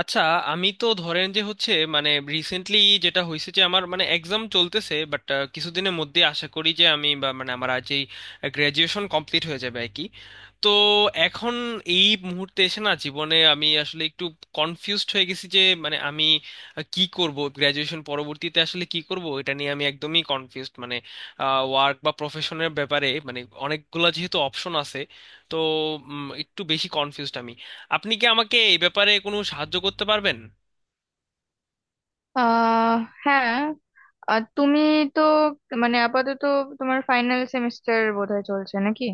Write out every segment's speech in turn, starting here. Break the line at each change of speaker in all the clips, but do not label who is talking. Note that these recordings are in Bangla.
আচ্ছা, আমি তো ধরেন যে হচ্ছে মানে রিসেন্টলি যেটা হয়েছে যে আমার মানে এক্সাম চলতেছে, বাট কিছুদিনের মধ্যে আশা করি যে আমি বা মানে আমার আজ এই গ্র্যাজুয়েশন কমপ্লিট হয়ে যাবে আর কি। তো এখন এই মুহূর্তে এসে না জীবনে আমি আসলে একটু কনফিউজড হয়ে গেছি যে মানে আমি কি করব, গ্র্যাজুয়েশন পরবর্তীতে আসলে কি করব এটা নিয়ে আমি একদমই কনফিউজড। মানে ওয়ার্ক বা প্রফেশনের ব্যাপারে মানে অনেকগুলা যেহেতু অপশন আছে তো একটু বেশি কনফিউজড আমি। আপনি কি আমাকে এই ব্যাপারে কোনো সাহায্য করতে পারবেন?
আহ হ্যাঁ। আর তুমি, তো মানে আপাতত তোমার ফাইনাল সেমিস্টার বোধহয় চলছে নাকি?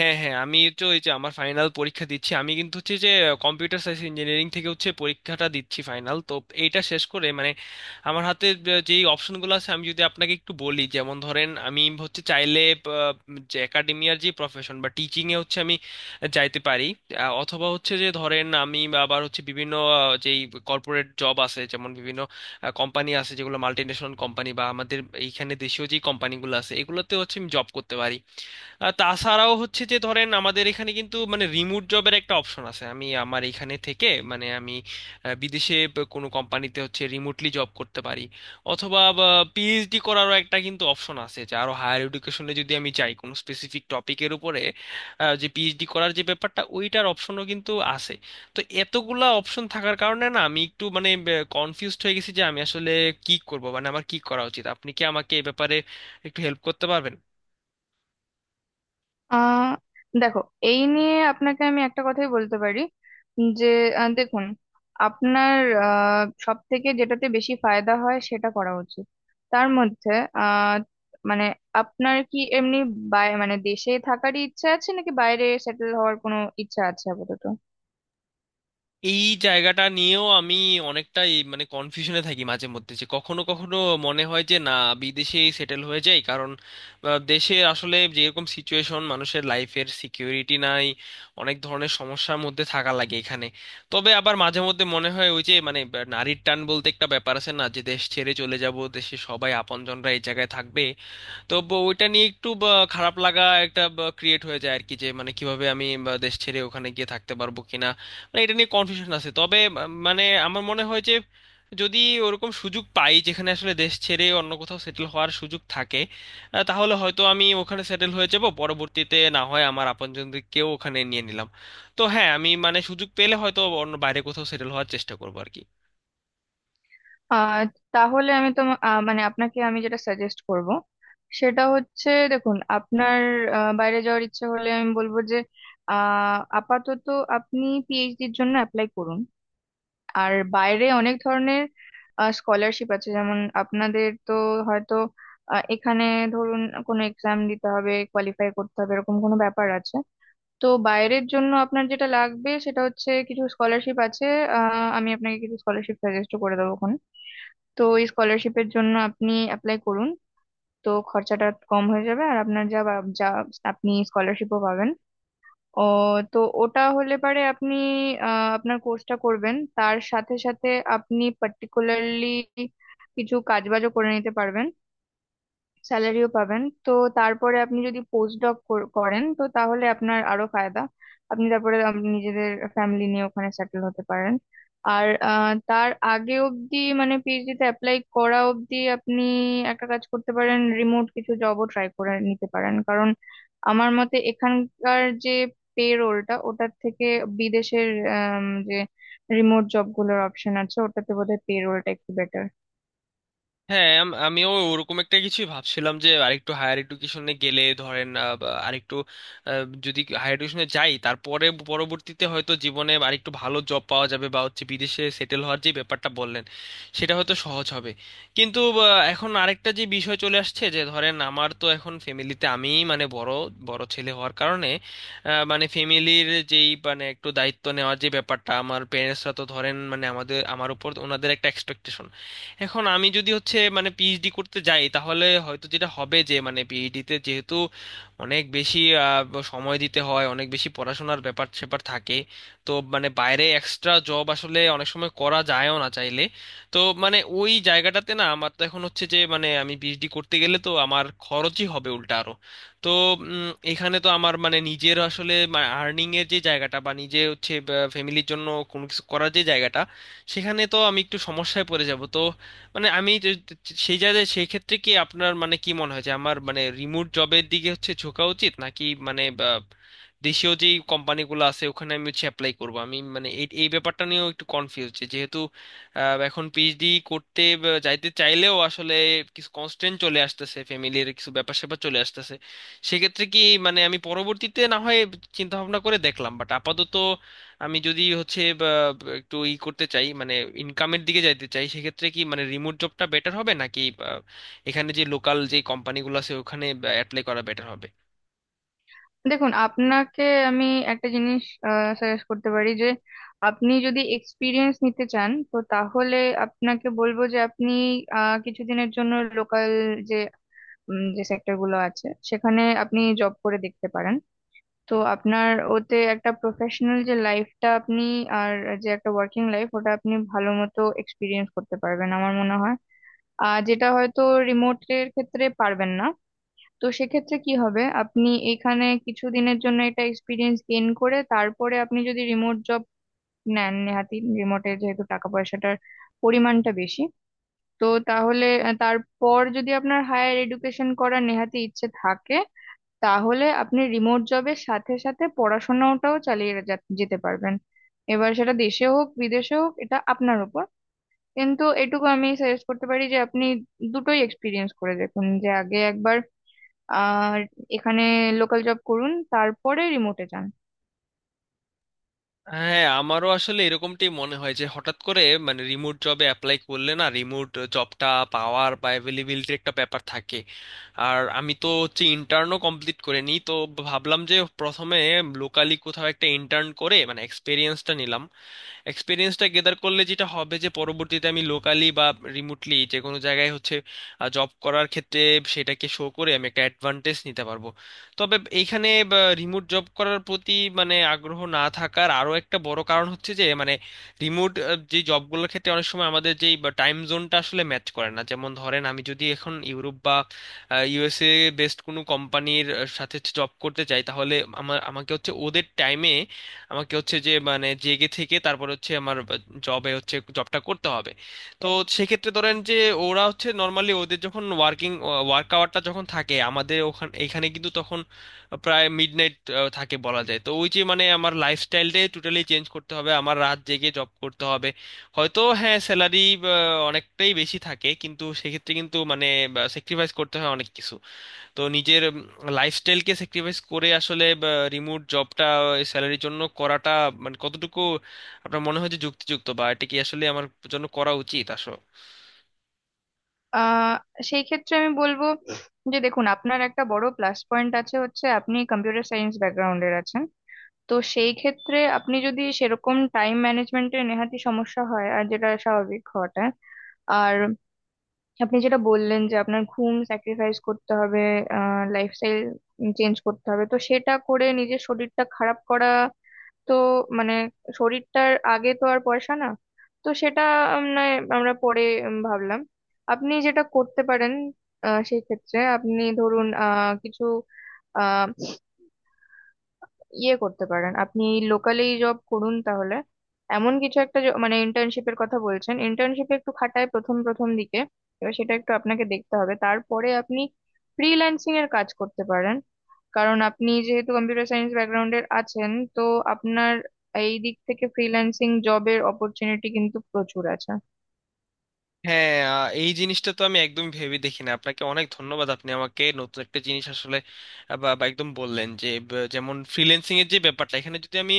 হ্যাঁ হ্যাঁ আমি তো এই যে আমার ফাইনাল পরীক্ষা দিচ্ছি, আমি কিন্তু হচ্ছে যে কম্পিউটার সায়েন্স ইঞ্জিনিয়ারিং থেকে হচ্ছে পরীক্ষাটা দিচ্ছি ফাইনাল। তো এইটা শেষ করে মানে আমার হাতে যে অপশনগুলো আছে আমি যদি আপনাকে একটু বলি, যেমন ধরেন আমি হচ্ছে চাইলে আহ, যে একাডেমিয়ার যে প্রফেশন বা টিচিং এ হচ্ছে আমি যাইতে পারি। অথবা হচ্ছে যে ধরেন আমি আবার হচ্ছে বিভিন্ন যেই কর্পোরেট জব আছে, যেমন বিভিন্ন কোম্পানি আছে যেগুলো মাল্টিনেশনাল কোম্পানি বা আমাদের এইখানে দেশীয় যে কোম্পানিগুলো আছে এগুলোতে হচ্ছে আমি জব করতে পারি। তাছাড়াও হচ্ছে যে ধরেন আমাদের এখানে কিন্তু মানে রিমোট জবের একটা অপশন আছে, আমি আমার এখানে থেকে মানে আমি বিদেশে কোনো কোম্পানিতে হচ্ছে রিমোটলি জব করতে পারি। অথবা পিএইচডি করারও একটা কিন্তু অপশন আছে যে আরো হায়ার এডুকেশনে যদি আমি চাই কোনো স্পেসিফিক টপিকের উপরে যে পিএইচডি করার যে ব্যাপারটা, ওইটার অপশনও কিন্তু আছে। তো এতগুলা অপশন থাকার কারণে না আমি একটু মানে কনফিউজড হয়ে গেছি যে আমি আসলে কি করব, মানে আমার কি করা উচিত। আপনি কি আমাকে এই ব্যাপারে একটু হেল্প করতে পারবেন?
আহ দেখো, এই নিয়ে আপনাকে আমি একটা কথাই বলতে পারি যে দেখুন, আপনার সব থেকে যেটাতে বেশি ফায়দা হয় সেটা করা উচিত। তার মধ্যে আহ মানে আপনার কি এমনি বাই মানে দেশে থাকারই ইচ্ছা আছে নাকি বাইরে সেটেল হওয়ার কোনো ইচ্ছা আছে আপাতত?
এই জায়গাটা নিয়েও আমি অনেকটাই মানে কনফিউশনে থাকি মাঝে মধ্যে যে কখনো কখনো মনে হয় যে না, বিদেশেই সেটেল হয়ে যাই কারণ দেশে আসলে যেরকম সিচুয়েশন, মানুষের লাইফের সিকিউরিটি নাই, অনেক ধরনের সমস্যার মধ্যে থাকা লাগে এখানে। তবে আবার মাঝে মধ্যে মনে হয় ওই যে মানে নারীর টান বলতে একটা ব্যাপার আছে না, যে দেশ ছেড়ে চলে যাব, দেশে সবাই আপনজনরা এই জায়গায় থাকবে। তো ওইটা নিয়ে একটু খারাপ লাগা একটা ক্রিয়েট হয়ে যায় আর কি, যে মানে কিভাবে আমি দেশ ছেড়ে ওখানে গিয়ে থাকতে পারবো কিনা, মানে এটা নিয়ে কনফিউশন আছে। তবে মানে আমার মনে হয় যে যদি ওরকম সুযোগ পাই যেখানে আসলে দেশ ছেড়ে অন্য কোথাও সেটেল হওয়ার সুযোগ থাকে তাহলে হয়তো আমি ওখানে সেটেল হয়ে যাব, পরবর্তীতে না হয় আমার আপনজনদেরকেও ওখানে নিয়ে নিলাম। তো হ্যাঁ, আমি মানে সুযোগ পেলে হয়তো অন্য বাইরে কোথাও সেটেল হওয়ার চেষ্টা করবো আর কি।
আহ তাহলে আমি তো মানে আপনাকে আমি যেটা সাজেস্ট করব সেটা হচ্ছে, দেখুন, আপনার বাইরে যাওয়ার ইচ্ছে হলে আমি বলবো যে আপাতত আপনি পিএইচডির জন্য অ্যাপ্লাই করুন। আর বাইরে অনেক ধরনের স্কলারশিপ আছে, যেমন আপনাদের তো হয়তো এখানে ধরুন কোনো এক্সাম দিতে হবে, কোয়ালিফাই করতে হবে, এরকম কোনো ব্যাপার আছে। তো বাইরের জন্য আপনার যেটা লাগবে সেটা হচ্ছে কিছু স্কলারশিপ আছে। আমি আপনাকে কিছু স্কলারশিপ সাজেস্ট করে দেবো। তো এই স্কলারশিপের জন্য আপনি অ্যাপ্লাই করুন, তো খরচাটা কম হয়ে যাবে। আর আপনার যা আপনি স্কলারশিপও পাবেন। ও, তো ওটা হলে পারে আপনি আপনার কোর্সটা করবেন, তার সাথে সাথে আপনি পার্টিকুলারলি কিছু কাজবাজও করে নিতে পারবেন, স্যালারিও পাবেন। তো তারপরে আপনি যদি পোস্ট ডক করেন তো তাহলে আপনার আরো ফায়দা। আপনি তারপরে নিজেদের ফ্যামিলি নিয়ে ওখানে সেটেল হতে পারেন। আর তার আগে অবধি মানে পিএইচডি তে অ্যাপ্লাই করা অবধি আপনি একটা কাজ করতে পারেন, রিমোট কিছু জবও ট্রাই করে নিতে পারেন। কারণ আমার মতে এখানকার যে পে রোলটা ওটার থেকে বিদেশের যে রিমোট জবগুলোর অপশন আছে ওটাতে বোধহয় পে রোলটা একটু বেটার।
হ্যাঁ, আমিও ওরকম একটা কিছুই ভাবছিলাম যে আরেকটু হায়ার এডুকেশনে গেলে ধরেন বা আরেকটু যদি হায়ার এডুকেশনে যাই তারপরে পরবর্তীতে হয়তো জীবনে আরেকটু ভালো জব পাওয়া যাবে, বা হচ্ছে বিদেশে সেটেল হওয়ার যে ব্যাপারটা বললেন সেটা হয়তো সহজ হবে। কিন্তু এখন আরেকটা যে বিষয় চলে আসছে যে ধরেন আমার তো এখন ফ্যামিলিতে আমিই মানে বড় বড় ছেলে হওয়ার কারণে মানে ফ্যামিলির যেই মানে একটু দায়িত্ব নেওয়ার যে ব্যাপারটা, আমার প্যারেন্টসরা তো ধরেন মানে আমাদের আমার উপর ওনাদের একটা এক্সপেকটেশন। এখন আমি যদি হচ্ছে মানে পিএইচডি করতে যাই তাহলে হয়তো যেটা হবে যে মানে পিএইচডিতে যেহেতু অনেক বেশি সময় দিতে হয়, অনেক বেশি পড়াশোনার ব্যাপার স্যাপার থাকে, তো মানে বাইরে এক্সট্রা জব আসলে অনেক সময় করা যায়ও না চাইলে। তো মানে ওই জায়গাটাতে না আমার তো এখন হচ্ছে যে মানে আমি পিএইচডি করতে গেলে তো আমার খরচই হবে উল্টা আরো। তো এখানে তো আমার মানে নিজের আসলে আর্নিং এর যে জায়গাটা বা নিজে হচ্ছে ফ্যামিলির জন্য কোনো কিছু করার যে জায়গাটা সেখানে তো আমি একটু সমস্যায় পড়ে যাব। তো মানে সেই জায়গায় সেই ক্ষেত্রে কি আপনার মানে কি মনে হয় যে আমার মানে রিমোট জবের দিকে হচ্ছে ঝোঁকা উচিত, নাকি মানে দেশীয় যেই কোম্পানিগুলো আছে ওখানে আমি হচ্ছে অ্যাপ্লাই করব, আমি মানে এই এই ব্যাপারটা নিয়েও একটু কনফিউজ যেহেতু এখন পিএইচডি করতে বা যাইতে চাইলেও আসলে কিছু কনস্ট্রেন্ট চলে আসতেছে, ফ্যামিলির কিছু ব্যাপার স্যাপার চলে আসতেছে। সেক্ষেত্রে কি মানে আমি পরবর্তীতে না হয় চিন্তা ভাবনা করে দেখলাম, বাট আপাতত আমি যদি হচ্ছে বা, বা, একটু ই করতে চাই মানে ইনকামের দিকে যাইতে চাই, সেক্ষেত্রে কি মানে রিমোট জবটা বেটার হবে নাকি এখানে যে লোকাল যে কোম্পানিগুলো আছে ওখানে অ্যাপ্লাই করা বেটার হবে?
দেখুন আপনাকে আমি একটা জিনিস সাজেস্ট করতে পারি যে আপনি যদি এক্সপিরিয়েন্স নিতে চান তো তাহলে আপনাকে বলবো যে আপনি কিছুদিনের জন্য লোকাল যে যে সেক্টর গুলো আছে সেখানে আপনি জব করে দেখতে পারেন। তো আপনার ওতে একটা প্রফেশনাল যে লাইফটা আপনি আর যে একটা ওয়ার্কিং লাইফ ওটা আপনি ভালো মতো এক্সপিরিয়েন্স করতে পারবেন আমার মনে হয়। আর যেটা হয়তো রিমোটের ক্ষেত্রে পারবেন না। তো সেক্ষেত্রে কি হবে, আপনি এখানে কিছুদিনের জন্য এটা এক্সপিরিয়েন্স গেইন করে তারপরে আপনি যদি রিমোট জব নেন, নেহাতি রিমোটে যেহেতু টাকা পয়সাটার পরিমাণটা বেশি। তো তাহলে তারপর যদি আপনার হায়ার এডুকেশন করার নেহাতি ইচ্ছে থাকে তাহলে আপনি রিমোট জবের সাথে সাথে পড়াশোনাটাও চালিয়ে যা- যেতে পারবেন। এবার সেটা দেশে হোক বিদেশে হোক এটা আপনার উপর। কিন্তু এটুকু আমি সাজেস্ট করতে পারি যে আপনি দুটোই এক্সপিরিয়েন্স করে দেখুন, যে আগে একবার আর এখানে লোকাল জব করুন তারপরে রিমোটে যান।
হ্যাঁ, আমারও আসলে এরকমটাই মনে হয় যে হঠাৎ করে মানে রিমোট জবে অ্যাপ্লাই করলে না রিমোট জবটা পাওয়ার বা অ্যাভেলেবিলিটির একটা ব্যাপার থাকে। আর আমি তো হচ্ছে ইন্টার্নও কমপ্লিট করে নিই, তো ভাবলাম যে প্রথমে লোকালি কোথাও একটা ইন্টার্ন করে মানে এক্সপিরিয়েন্সটা নিলাম, এক্সপিরিয়েন্সটা গেদার করলে যেটা হবে যে পরবর্তীতে আমি লোকালি বা রিমোটলি যে কোনো জায়গায় হচ্ছে জব করার ক্ষেত্রে সেটাকে শো করে আমি একটা অ্যাডভান্টেজ নিতে পারবো। তবে এইখানে রিমোট জব করার প্রতি মানে আগ্রহ না থাকার আরো একটা বড় কারণ হচ্ছে যে মানে রিমোট যে জবগুলোর ক্ষেত্রে অনেক সময় আমাদের যেই টাইম জোনটা আসলে ম্যাচ করে না। যেমন ধরেন আমি যদি এখন ইউরোপ বা ইউএসএ বেসড কোনো কোম্পানির সাথে জব করতে চাই তাহলে আমাকে হচ্ছে ওদের টাইমে আমাকে হচ্ছে যে মানে জেগে থেকে তারপরে হচ্ছে আমার জবে হচ্ছে জবটা করতে হবে। তো সেক্ষেত্রে ধরেন যে ওরা হচ্ছে নর্মালি ওদের যখন ওয়ার্ক আওয়ারটা যখন থাকে আমাদের এখানে কিন্তু তখন প্রায় মিডনাইট থাকে বলা যায়। তো ওই যে মানে আমার লাইফস্টাইলটাই টোটালি চেঞ্জ করতে হবে, আমার রাত জেগে জব করতে হবে। হয়তো হ্যাঁ, স্যালারি অনেকটাই বেশি থাকে কিন্তু সেক্ষেত্রে কিন্তু মানে স্যাক্রিফাইস করতে হয় অনেক কিছু। তো নিজের লাইফস্টাইলকে স্যাক্রিফাইস করে আসলে রিমোট জবটা স্যালারির জন্য করাটা মানে কতটুকু আপনার মনে হয় যে যুক্তিযুক্ত, বা এটা কি আসলে আমার জন্য করা উচিত আসলে?
আহ সেই ক্ষেত্রে আমি বলবো যে দেখুন আপনার একটা বড় প্লাস পয়েন্ট আছে, হচ্ছে আপনি কম্পিউটার সায়েন্স ব্যাকগ্রাউন্ডের আছেন। তো সেই ক্ষেত্রে আপনি যদি সেরকম টাইম ম্যানেজমেন্টে নেহাতি সমস্যা হয়, আর যেটা স্বাভাবিক হওয়াটা আর আপনি যেটা বললেন যে আপনার ঘুম স্যাক্রিফাইস করতে হবে, লাইফস্টাইল চেঞ্জ করতে হবে, তো সেটা করে নিজের শরীরটা খারাপ করা। তো মানে শরীরটার আগে তো আর পয়সা না। তো সেটা নয়, আমরা পরে ভাবলাম আপনি যেটা করতে পারেন, সেই ক্ষেত্রে আপনি ধরুন কিছু ইয়ে করতে পারেন, আপনি লোকালি জব করুন। তাহলে এমন কিছু একটা মানে ইন্টার্নশিপের কথা বলছেন, ইন্টার্নশিপে একটু খাটায় প্রথম প্রথম দিকে। এবার সেটা একটু আপনাকে দেখতে হবে। তারপরে আপনি ফ্রিল্যান্সিং এর কাজ করতে পারেন, কারণ আপনি যেহেতু কম্পিউটার সায়েন্স ব্যাকগ্রাউন্ডের আছেন। তো আপনার এই দিক থেকে ফ্রিল্যান্সিং জবের অপরচুনিটি কিন্তু প্রচুর আছে।
হ্যাঁ, এই জিনিসটা তো আমি একদম ভেবে দেখিনি, আপনাকে অনেক ধন্যবাদ। আপনি আমাকে নতুন একটা জিনিস আসলে আহ, বা বা একদম বললেন যে যেমন ফ্রিল্যান্সিং এর যে ব্যাপারটা, এখানে যদি আমি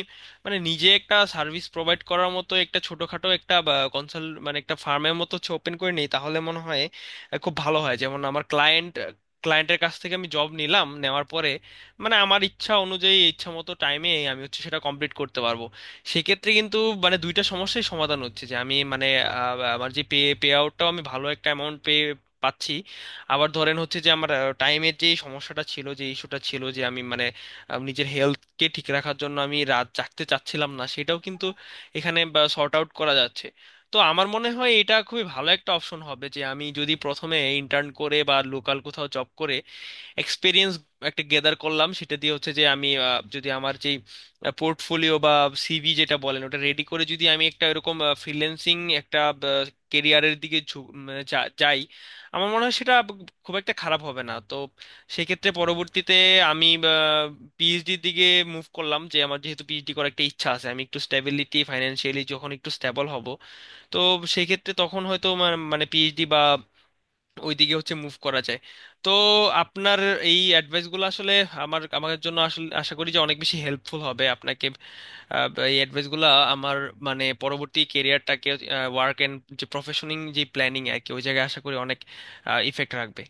মানে নিজে একটা সার্ভিস প্রোভাইড করার মতো একটা ছোটখাটো একটা কনসাল মানে একটা ফার্মের মতো হচ্ছে ওপেন করে নিই তাহলে মনে হয় খুব ভালো হয়। যেমন আমার ক্লায়েন্টের কাছ থেকে আমি জব নিলাম, নেওয়ার পরে মানে আমার ইচ্ছা অনুযায়ী ইচ্ছা মতো টাইমে আমি হচ্ছে সেটা কমপ্লিট করতে পারবো। সেক্ষেত্রে কিন্তু মানে দুইটা সমস্যাই সমাধান হচ্ছে যে আমি মানে আমার যে পে পে আউটটাও আমি ভালো একটা অ্যামাউন্ট পে পাচ্ছি। আবার ধরেন হচ্ছে যে আমার টাইমের যে সমস্যাটা ছিল, যে ইস্যুটা ছিল যে আমি মানে নিজের হেলথকে ঠিক রাখার জন্য আমি রাত জাগতে চাচ্ছিলাম না, সেটাও কিন্তু এখানে সর্ট আউট করা যাচ্ছে। তো আমার মনে হয় এটা খুবই ভালো একটা অপশন হবে যে আমি যদি প্রথমে ইন্টার্ন করে বা লোকাল কোথাও জব করে এক্সপিরিয়েন্স একটা গেদার করলাম, সেটা দিয়ে হচ্ছে যে আমি যদি আমার যেই পোর্টফোলিও বা সিভি যেটা বলেন ওটা রেডি করে যদি আমি একটা এরকম ফ্রিল্যান্সিং একটা কেরিয়ারের দিকে যাই, আমার মনে হয় সেটা খুব একটা খারাপ হবে না। তো সেক্ষেত্রে পরবর্তীতে আমি পিএইচডির দিকে মুভ করলাম, যে আমার যেহেতু পিএইচডি করার একটা ইচ্ছা আছে, আমি একটু স্টেবিলিটি ফাইন্যান্সিয়ালি যখন একটু স্টেবল হব তো সেক্ষেত্রে তখন হয়তো মানে পিএইচডি বা ওইদিকে হচ্ছে মুভ করা যায়। তো আপনার এই অ্যাডভাইসগুলো আসলে আমার আমার জন্য আসলে আশা করি যে অনেক বেশি হেল্পফুল হবে। আপনাকে এই অ্যাডভাইসগুলো আমার মানে পরবর্তী কেরিয়ারটাকে ওয়ার্ক এন্ড যে প্রফেশনিং যে প্ল্যানিং আর কি ওই জায়গায় আশা করি অনেক ইফেক্ট রাখবে।